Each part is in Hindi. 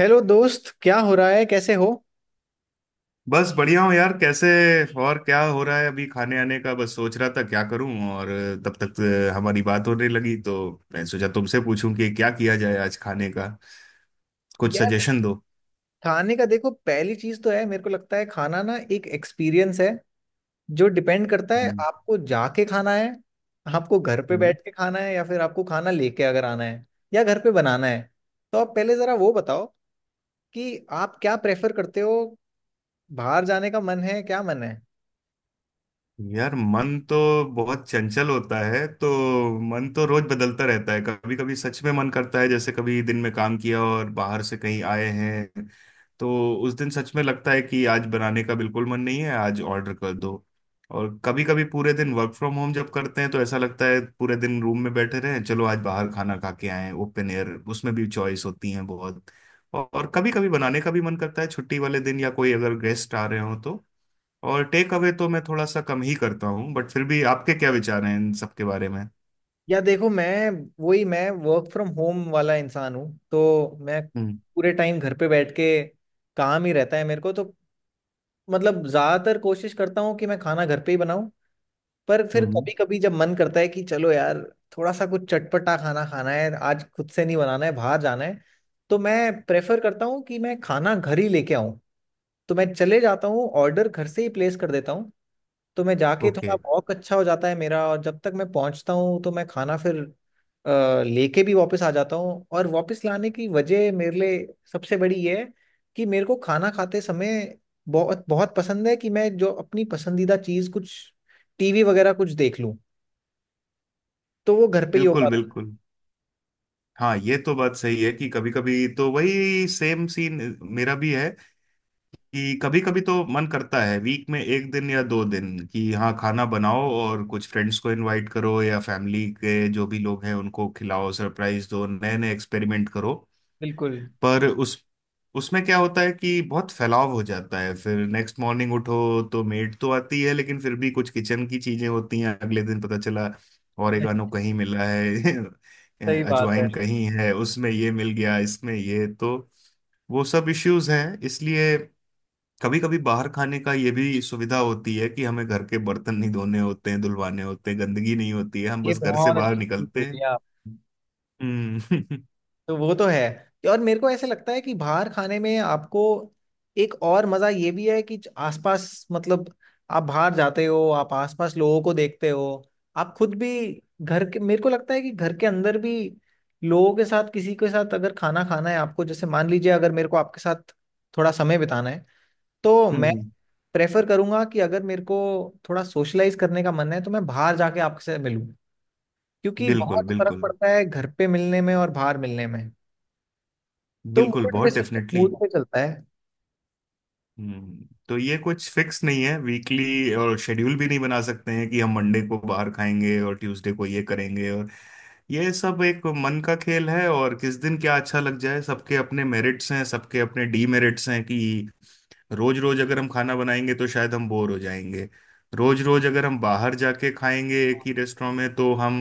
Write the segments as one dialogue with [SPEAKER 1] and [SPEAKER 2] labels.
[SPEAKER 1] हेलो दोस्त, क्या हो रहा है? कैसे हो?
[SPEAKER 2] बस बढ़िया हूँ यार। कैसे? और क्या हो रहा है? अभी खाने आने का बस सोच रहा था क्या करूं। और तब तक हमारी बात होने लगी तो मैं सोचा तुमसे पूछूं कि क्या किया जाए आज खाने का। कुछ
[SPEAKER 1] यार,
[SPEAKER 2] सजेशन दो।
[SPEAKER 1] खाने का देखो, पहली चीज तो है मेरे को लगता है, खाना ना एक एक्सपीरियंस है जो डिपेंड करता है आपको जाके खाना है, आपको घर पे
[SPEAKER 2] हम्म।
[SPEAKER 1] बैठ के खाना है, या फिर आपको खाना लेके अगर आना है, या घर पे बनाना है। तो आप पहले जरा वो बताओ कि आप क्या प्रेफर करते हो। बाहर जाने का मन है? क्या मन है?
[SPEAKER 2] यार, मन तो बहुत चंचल होता है तो मन तो रोज बदलता रहता है। कभी कभी सच में मन करता है, जैसे कभी दिन में काम किया और बाहर से कहीं आए हैं तो उस दिन सच में लगता है कि आज बनाने का बिल्कुल मन नहीं है, आज ऑर्डर कर दो। और कभी कभी पूरे दिन वर्क फ्रॉम होम जब करते हैं तो ऐसा लगता है पूरे दिन रूम में बैठे रहें, चलो आज बाहर खाना खा के आए, ओपन एयर। उसमें भी चॉइस होती है बहुत। और कभी कभी बनाने का भी मन करता है, छुट्टी वाले दिन या कोई अगर गेस्ट आ रहे हो तो। और टेक अवे तो मैं थोड़ा सा कम ही करता हूँ, बट फिर भी आपके क्या विचार हैं इन सब के बारे में?
[SPEAKER 1] या देखो, मैं वर्क फ्रॉम होम वाला इंसान हूँ, तो मैं
[SPEAKER 2] हम्म।
[SPEAKER 1] पूरे टाइम घर पे बैठ के काम ही रहता है मेरे को, तो मतलब ज्यादातर कोशिश करता हूँ कि मैं खाना घर पे ही बनाऊं। पर फिर
[SPEAKER 2] हम्म।
[SPEAKER 1] कभी कभी जब मन करता है कि चलो यार, थोड़ा सा कुछ चटपटा खाना खाना है, आज खुद से नहीं बनाना है, बाहर जाना है, तो मैं प्रेफर करता हूँ कि मैं खाना घर ही लेके आऊं। तो मैं चले जाता हूँ, ऑर्डर घर से ही प्लेस कर देता हूँ। तो मैं जाके
[SPEAKER 2] ओके।
[SPEAKER 1] थोड़ा वॉक अच्छा हो जाता है मेरा, और जब तक मैं पहुंचता हूँ तो मैं खाना फिर लेके भी वापस आ जाता हूँ। और वापस लाने की वजह मेरे लिए सबसे बड़ी ये है कि मेरे को खाना खाते समय बहुत बहुत पसंद है कि मैं जो अपनी पसंदीदा चीज़ कुछ टीवी वगैरह कुछ देख लूँ, तो वो घर पे ही हो
[SPEAKER 2] बिल्कुल
[SPEAKER 1] पाता है।
[SPEAKER 2] बिल्कुल। हाँ, ये तो बात सही है कि कभी कभी तो वही सेम सीन मेरा भी है। कि कभी कभी तो मन करता है वीक में एक दिन या दो दिन कि हाँ खाना बनाओ और कुछ फ्रेंड्स को इनवाइट करो या फैमिली के जो भी लोग हैं उनको खिलाओ, सरप्राइज दो, नए नए एक्सपेरिमेंट करो।
[SPEAKER 1] बिल्कुल।
[SPEAKER 2] पर उस उसमें क्या होता है कि बहुत फैलाव हो जाता है। फिर नेक्स्ट मॉर्निंग उठो तो मेड तो आती है, लेकिन फिर भी कुछ किचन की चीजें होती हैं अगले दिन पता चला ऑरिगानो कहीं मिला है।
[SPEAKER 1] सही बात है।
[SPEAKER 2] अजवाइन कहीं है, उसमें ये मिल गया, इसमें ये, तो वो सब इश्यूज हैं। इसलिए कभी कभी बाहर खाने का ये भी सुविधा होती है कि हमें घर के बर्तन नहीं धोने होते हैं, धुलवाने होते हैं, गंदगी नहीं होती है, हम
[SPEAKER 1] ये
[SPEAKER 2] बस घर से
[SPEAKER 1] बहुत
[SPEAKER 2] बाहर
[SPEAKER 1] अच्छी चीज
[SPEAKER 2] निकलते हैं।
[SPEAKER 1] बोली आप,
[SPEAKER 2] हम्म।
[SPEAKER 1] तो वो तो है। और मेरे को ऐसे लगता है कि बाहर खाने में आपको एक और मजा ये भी है कि आसपास, मतलब आप बाहर जाते हो, आप आसपास लोगों को देखते हो, आप खुद भी घर के, मेरे को लगता है कि घर के अंदर भी लोगों के साथ किसी के साथ अगर खाना खाना है आपको, जैसे मान लीजिए अगर मेरे को आपके साथ थोड़ा समय बिताना है, तो मैं
[SPEAKER 2] हम्म।
[SPEAKER 1] प्रेफर करूंगा कि अगर मेरे को थोड़ा सोशलाइज करने का मन है तो मैं बाहर जाके आपसे मिलूं, क्योंकि
[SPEAKER 2] बिल्कुल
[SPEAKER 1] बहुत फर्क
[SPEAKER 2] बिल्कुल।
[SPEAKER 1] पड़ता है घर पे मिलने में और बाहर मिलने में। तो
[SPEAKER 2] बिल्कुल,
[SPEAKER 1] मूड पे,
[SPEAKER 2] बहुत
[SPEAKER 1] सब
[SPEAKER 2] डेफिनेटली।
[SPEAKER 1] मूड पे चलता है।
[SPEAKER 2] तो ये कुछ फिक्स नहीं है वीकली, और शेड्यूल भी नहीं बना सकते हैं कि हम मंडे को बाहर खाएंगे और ट्यूसडे को ये करेंगे। और ये सब एक मन का खेल है, और किस दिन क्या अच्छा लग जाए। सबके अपने मेरिट्स हैं, सबके अपने डीमेरिट्स हैं कि रोज रोज अगर हम खाना बनाएंगे तो शायद हम बोर हो जाएंगे। रोज रोज अगर हम बाहर जाके खाएंगे एक ही रेस्टोरेंट में तो हम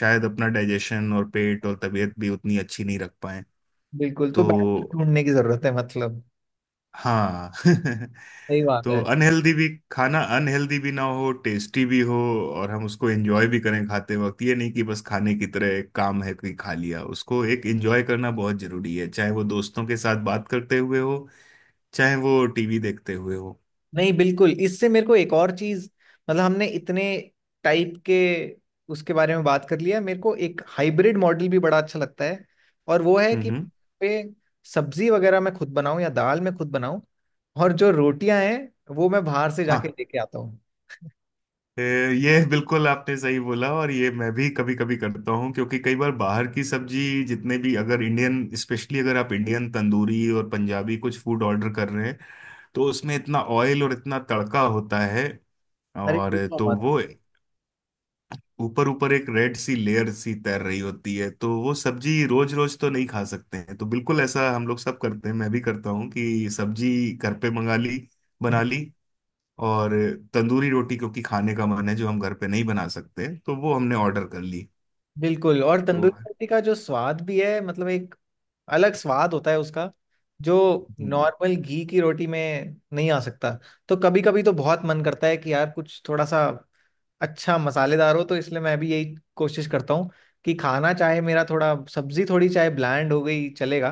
[SPEAKER 2] शायद अपना डाइजेशन और पेट और तबीयत भी उतनी अच्छी नहीं रख पाए।
[SPEAKER 1] बिल्कुल। तो बैलेंस
[SPEAKER 2] तो
[SPEAKER 1] ढूंढने की जरूरत है, मतलब
[SPEAKER 2] हाँ।
[SPEAKER 1] सही बात
[SPEAKER 2] तो
[SPEAKER 1] है।
[SPEAKER 2] अनहेल्दी भी, खाना अनहेल्दी भी ना हो, टेस्टी भी हो, और हम उसको एंजॉय भी करें खाते वक्त। ये नहीं कि बस खाने की तरह एक काम है कि खा लिया, उसको एक एंजॉय करना बहुत जरूरी है, चाहे वो दोस्तों के साथ बात करते हुए हो, चाहे वो टीवी देखते हुए हो।
[SPEAKER 1] नहीं, बिल्कुल। इससे मेरे को एक और चीज, मतलब हमने इतने टाइप के उसके बारे में बात कर लिया, मेरे को एक हाइब्रिड मॉडल भी बड़ा अच्छा लगता है। और वो है
[SPEAKER 2] हम्म।
[SPEAKER 1] कि
[SPEAKER 2] हम्म।
[SPEAKER 1] पे सब्जी वगैरह मैं खुद बनाऊं, या दाल मैं खुद बनाऊं, और जो रोटियां हैं वो मैं बाहर से
[SPEAKER 2] हाँ।
[SPEAKER 1] जाके लेके आता हूँ।
[SPEAKER 2] ए, ये बिल्कुल आपने सही बोला, और ये मैं भी कभी कभी करता हूँ, क्योंकि कई बार बाहर की सब्जी, जितने भी अगर इंडियन, स्पेशली अगर आप इंडियन तंदूरी और पंजाबी कुछ फूड ऑर्डर कर रहे हैं, तो उसमें इतना ऑयल और इतना तड़का होता है।
[SPEAKER 1] अरे
[SPEAKER 2] और
[SPEAKER 1] पूछो
[SPEAKER 2] तो
[SPEAKER 1] मत!
[SPEAKER 2] वो ऊपर ऊपर एक रेड सी लेयर सी तैर रही होती है, तो वो सब्जी रोज रोज तो नहीं खा सकते हैं। तो बिल्कुल ऐसा हम लोग सब करते हैं, मैं भी करता हूँ कि सब्जी घर पे मंगा ली, बना ली, और तंदूरी रोटी क्योंकि खाने का मन है जो हम घर पे नहीं बना सकते तो वो हमने ऑर्डर कर ली।
[SPEAKER 1] बिल्कुल। और
[SPEAKER 2] तो।
[SPEAKER 1] तंदूरी रोटी का जो स्वाद भी है, मतलब एक अलग स्वाद होता है उसका, जो
[SPEAKER 2] हम्म।
[SPEAKER 1] नॉर्मल घी की रोटी में नहीं आ सकता। तो कभी कभी तो बहुत मन करता है कि यार कुछ थोड़ा सा अच्छा मसालेदार हो, तो इसलिए मैं भी यही कोशिश करता हूँ कि खाना चाहे मेरा थोड़ा, सब्जी थोड़ी चाहे ब्land हो गई चलेगा,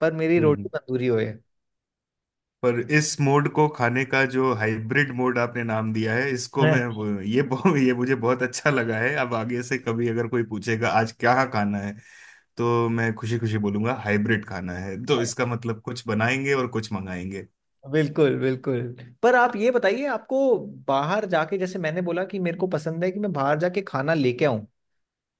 [SPEAKER 1] पर मेरी रोटी
[SPEAKER 2] हम्म।
[SPEAKER 1] तंदूरी होए है।
[SPEAKER 2] पर इस मोड को खाने का, जो हाइब्रिड मोड आपने नाम दिया है, इसको मैं वो- ये बहु- ये मुझे बहुत अच्छा लगा है। अब आगे से कभी अगर कोई पूछेगा आज क्या खाना है, तो मैं खुशी खुशी बोलूंगा हाइब्रिड खाना है, तो इसका मतलब कुछ बनाएंगे और कुछ मंगाएंगे।
[SPEAKER 1] बिल्कुल बिल्कुल। पर आप ये बताइए, आपको बाहर जाके, जैसे मैंने बोला कि मेरे को पसंद है कि मैं बाहर जाके खाना लेके आऊं,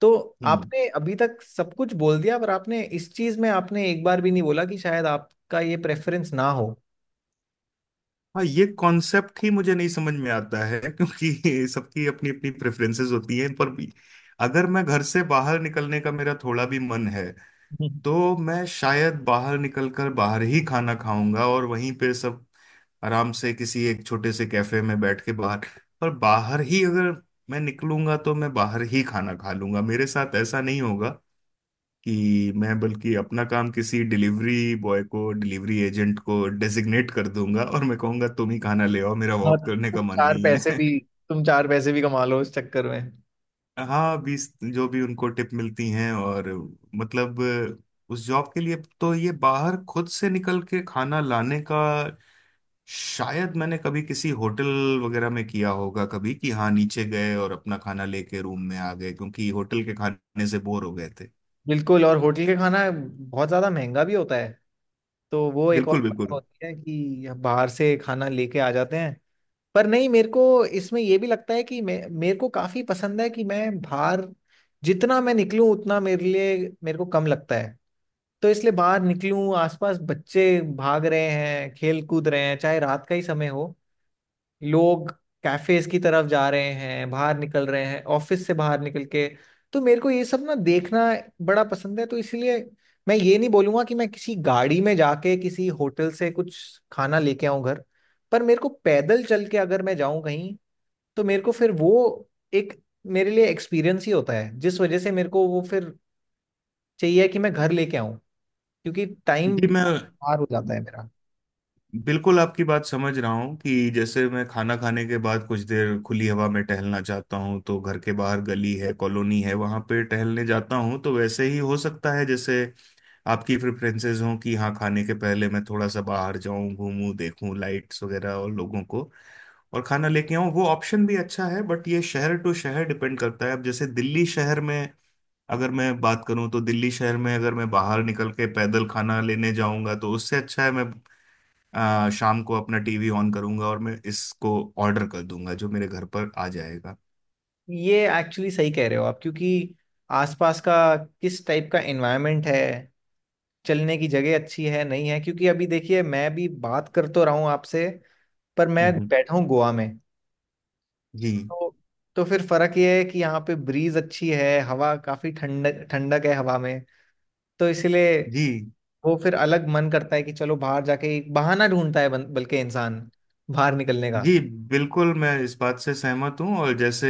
[SPEAKER 1] तो
[SPEAKER 2] हम्म।
[SPEAKER 1] आपने अभी तक सब कुछ बोल दिया, पर आपने इस चीज में आपने एक बार भी नहीं बोला कि शायद आपका ये प्रेफरेंस ना हो।
[SPEAKER 2] हाँ, ये कॉन्सेप्ट ही मुझे नहीं समझ में आता है, क्योंकि सबकी अपनी अपनी प्रेफरेंसेस होती हैं, पर भी अगर मैं घर से बाहर निकलने का मेरा थोड़ा भी मन है
[SPEAKER 1] हम्म।
[SPEAKER 2] तो मैं शायद बाहर निकलकर बाहर ही खाना खाऊंगा, और वहीं पे सब आराम से किसी एक छोटे से कैफे में बैठ के बाहर। पर बाहर ही अगर मैं निकलूंगा तो मैं बाहर ही खाना खा लूंगा, मेरे साथ ऐसा नहीं होगा कि मैं बल्कि अपना काम किसी डिलीवरी बॉय को, डिलीवरी एजेंट को डेजिग्नेट कर दूंगा और मैं कहूंगा तुम ही खाना ले आओ, मेरा
[SPEAKER 1] और
[SPEAKER 2] वॉक करने
[SPEAKER 1] तुम
[SPEAKER 2] का मन
[SPEAKER 1] चार
[SPEAKER 2] नहीं
[SPEAKER 1] पैसे
[SPEAKER 2] है।
[SPEAKER 1] भी, तुम चार पैसे भी कमा लो इस चक्कर में।
[SPEAKER 2] हाँ। 20, जो भी उनको टिप मिलती हैं, और मतलब उस जॉब के लिए। तो ये बाहर खुद से निकल के खाना लाने का शायद मैंने कभी किसी होटल वगैरह में किया होगा, कभी कि हाँ नीचे गए और अपना खाना लेके रूम में आ गए, क्योंकि होटल के खाने से बोर हो गए थे।
[SPEAKER 1] बिल्कुल। और होटल का खाना बहुत ज्यादा महंगा भी होता है, तो वो एक और
[SPEAKER 2] बिल्कुल
[SPEAKER 1] बात
[SPEAKER 2] बिल्कुल।
[SPEAKER 1] होती है कि बाहर से खाना लेके आ जाते हैं। पर नहीं, मेरे को इसमें ये भी लगता है कि मैं, मेरे को काफी पसंद है कि मैं बाहर जितना मैं निकलूं उतना मेरे लिए, मेरे को कम लगता है। तो इसलिए बाहर निकलूं, आसपास बच्चे भाग रहे हैं, खेल कूद रहे हैं, चाहे रात का ही समय हो, लोग कैफेज की तरफ जा रहे हैं, बाहर निकल रहे हैं ऑफिस से बाहर निकल के, तो मेरे को ये सब ना देखना बड़ा पसंद है। तो इसलिए मैं ये नहीं बोलूंगा कि मैं किसी गाड़ी में जाके किसी होटल से कुछ खाना लेके आऊं घर, पर मेरे को पैदल चल के अगर मैं जाऊं कहीं, तो मेरे को फिर वो एक, मेरे लिए एक्सपीरियंस ही होता है, जिस वजह से मेरे को वो फिर चाहिए कि मैं घर लेके आऊं, क्योंकि टाइम
[SPEAKER 2] जी, मैं
[SPEAKER 1] पार हो जाता है मेरा।
[SPEAKER 2] बिल्कुल आपकी बात समझ रहा हूँ, कि जैसे मैं खाना खाने के बाद कुछ देर खुली हवा में टहलना चाहता हूँ तो घर के बाहर गली है, कॉलोनी है, वहाँ पे टहलने जाता हूँ, तो वैसे ही हो सकता है जैसे आपकी प्रेफरेंसेस हों कि हाँ खाने के पहले मैं थोड़ा सा बाहर जाऊँ, घूमूं, देखूं लाइट्स वगैरह और लोगों को, और खाना लेके आऊँ। वो ऑप्शन भी अच्छा है, बट ये शहर टू शहर डिपेंड करता है। अब जैसे दिल्ली शहर में अगर मैं बात करूं, तो दिल्ली शहर में अगर मैं बाहर निकल के पैदल खाना लेने जाऊंगा तो उससे अच्छा है मैं शाम को अपना टीवी ऑन करूंगा और मैं इसको ऑर्डर कर दूंगा, जो मेरे घर पर आ जाएगा।
[SPEAKER 1] ये एक्चुअली सही कह रहे हो आप, क्योंकि आसपास का किस टाइप का एनवायरनमेंट है, चलने की जगह अच्छी है, नहीं है। क्योंकि अभी देखिए, मैं भी बात कर तो रहा हूँ आपसे, पर मैं
[SPEAKER 2] हम्म।
[SPEAKER 1] बैठा हूँ गोवा में,
[SPEAKER 2] जी।
[SPEAKER 1] तो तो फिर फर्क ये है कि यहाँ पे ब्रीज अच्छी है, हवा काफी, ठंड ठंडक है हवा में, तो इसलिए
[SPEAKER 2] जी।
[SPEAKER 1] वो फिर अलग मन करता है कि चलो बाहर जाके एक बहाना ढूंढता है, बल्कि इंसान बाहर निकलने का।
[SPEAKER 2] जी। बिल्कुल, मैं इस बात से सहमत हूँ। और जैसे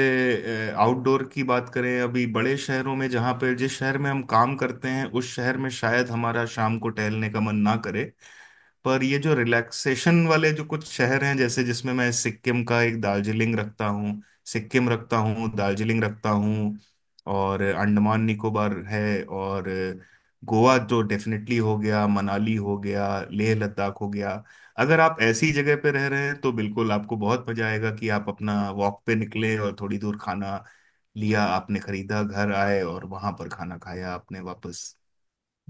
[SPEAKER 2] आउटडोर की बात करें, अभी बड़े शहरों में, जहाँ पे, जिस शहर में हम काम करते हैं उस शहर में शायद हमारा शाम को टहलने का मन ना करे। पर ये जो रिलैक्सेशन वाले जो कुछ शहर हैं, जैसे जिसमें मैं सिक्किम का, एक दार्जिलिंग रखता हूँ, सिक्किम रखता हूँ, दार्जिलिंग रखता हूँ, और अंडमान निकोबार है, और गोवा तो डेफिनेटली हो गया, मनाली हो गया, लेह लद्दाख हो गया। अगर आप ऐसी जगह पे रह रहे हैं तो बिल्कुल आपको बहुत मजा आएगा कि आप अपना वॉक पे निकले और थोड़ी दूर खाना लिया आपने, खरीदा, घर आए, और वहां पर खाना खाया आपने वापस।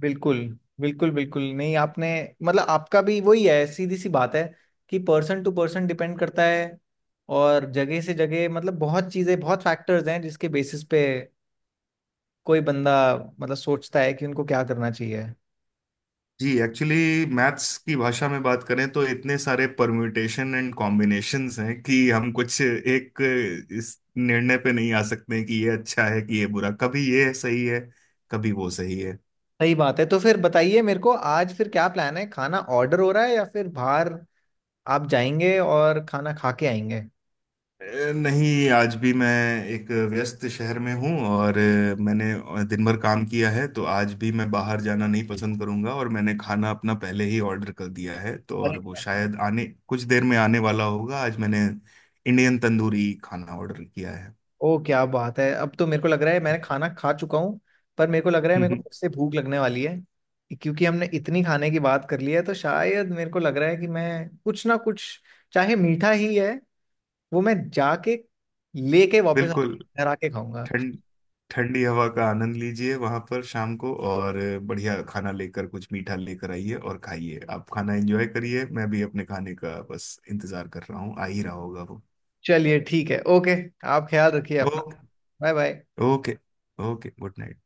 [SPEAKER 1] बिल्कुल बिल्कुल। बिल्कुल नहीं, आपने मतलब आपका भी वही है, सीधी सी बात है कि पर्सन टू पर्सन डिपेंड करता है, और जगह से जगह, मतलब बहुत चीजें, बहुत फैक्टर्स हैं जिसके बेसिस पे कोई बंदा, मतलब, सोचता है कि उनको क्या करना चाहिए।
[SPEAKER 2] जी। एक्चुअली मैथ्स की भाषा में बात करें, तो इतने सारे परम्यूटेशन एंड कॉम्बिनेशंस हैं कि हम कुछ एक इस निर्णय पे नहीं आ सकते कि ये अच्छा है कि ये बुरा। कभी ये सही है, कभी वो सही है।
[SPEAKER 1] सही बात है। तो फिर बताइए मेरे को, आज फिर क्या प्लान है? खाना ऑर्डर हो रहा है, या फिर बाहर आप जाएंगे और खाना खा के आएंगे?
[SPEAKER 2] नहीं, आज भी मैं एक व्यस्त शहर में हूँ, और मैंने दिन भर काम किया है, तो आज भी मैं बाहर जाना नहीं पसंद करूंगा, और मैंने खाना अपना पहले ही ऑर्डर कर दिया है तो,
[SPEAKER 1] अरे,
[SPEAKER 2] और वो शायद आने कुछ देर में आने वाला होगा। आज मैंने इंडियन तंदूरी खाना ऑर्डर किया है।
[SPEAKER 1] ओ क्या बात है! अब तो मेरे को लग रहा है मैंने खाना खा चुका हूँ, पर मेरे को लग रहा है मेरे को
[SPEAKER 2] हम्म।
[SPEAKER 1] फिर से भूख लगने वाली है, क्योंकि हमने इतनी खाने की बात कर ली है, तो शायद मेरे को लग रहा है कि मैं कुछ ना कुछ, चाहे मीठा ही है, वो मैं जाके लेके वापस
[SPEAKER 2] बिल्कुल।
[SPEAKER 1] घर आके खाऊंगा।
[SPEAKER 2] ठंड ठंडी हवा का आनंद लीजिए वहां पर शाम को, और बढ़िया खाना लेकर, कुछ मीठा लेकर आइए और खाइए। आप खाना एंजॉय करिए, मैं भी अपने खाने का बस इंतजार कर रहा हूँ, आ ही रहा होगा वो।
[SPEAKER 1] चलिए ठीक है, ओके। आप ख्याल रखिए अपना।
[SPEAKER 2] Okay.
[SPEAKER 1] Bye bye.
[SPEAKER 2] Okay. Okay, good night.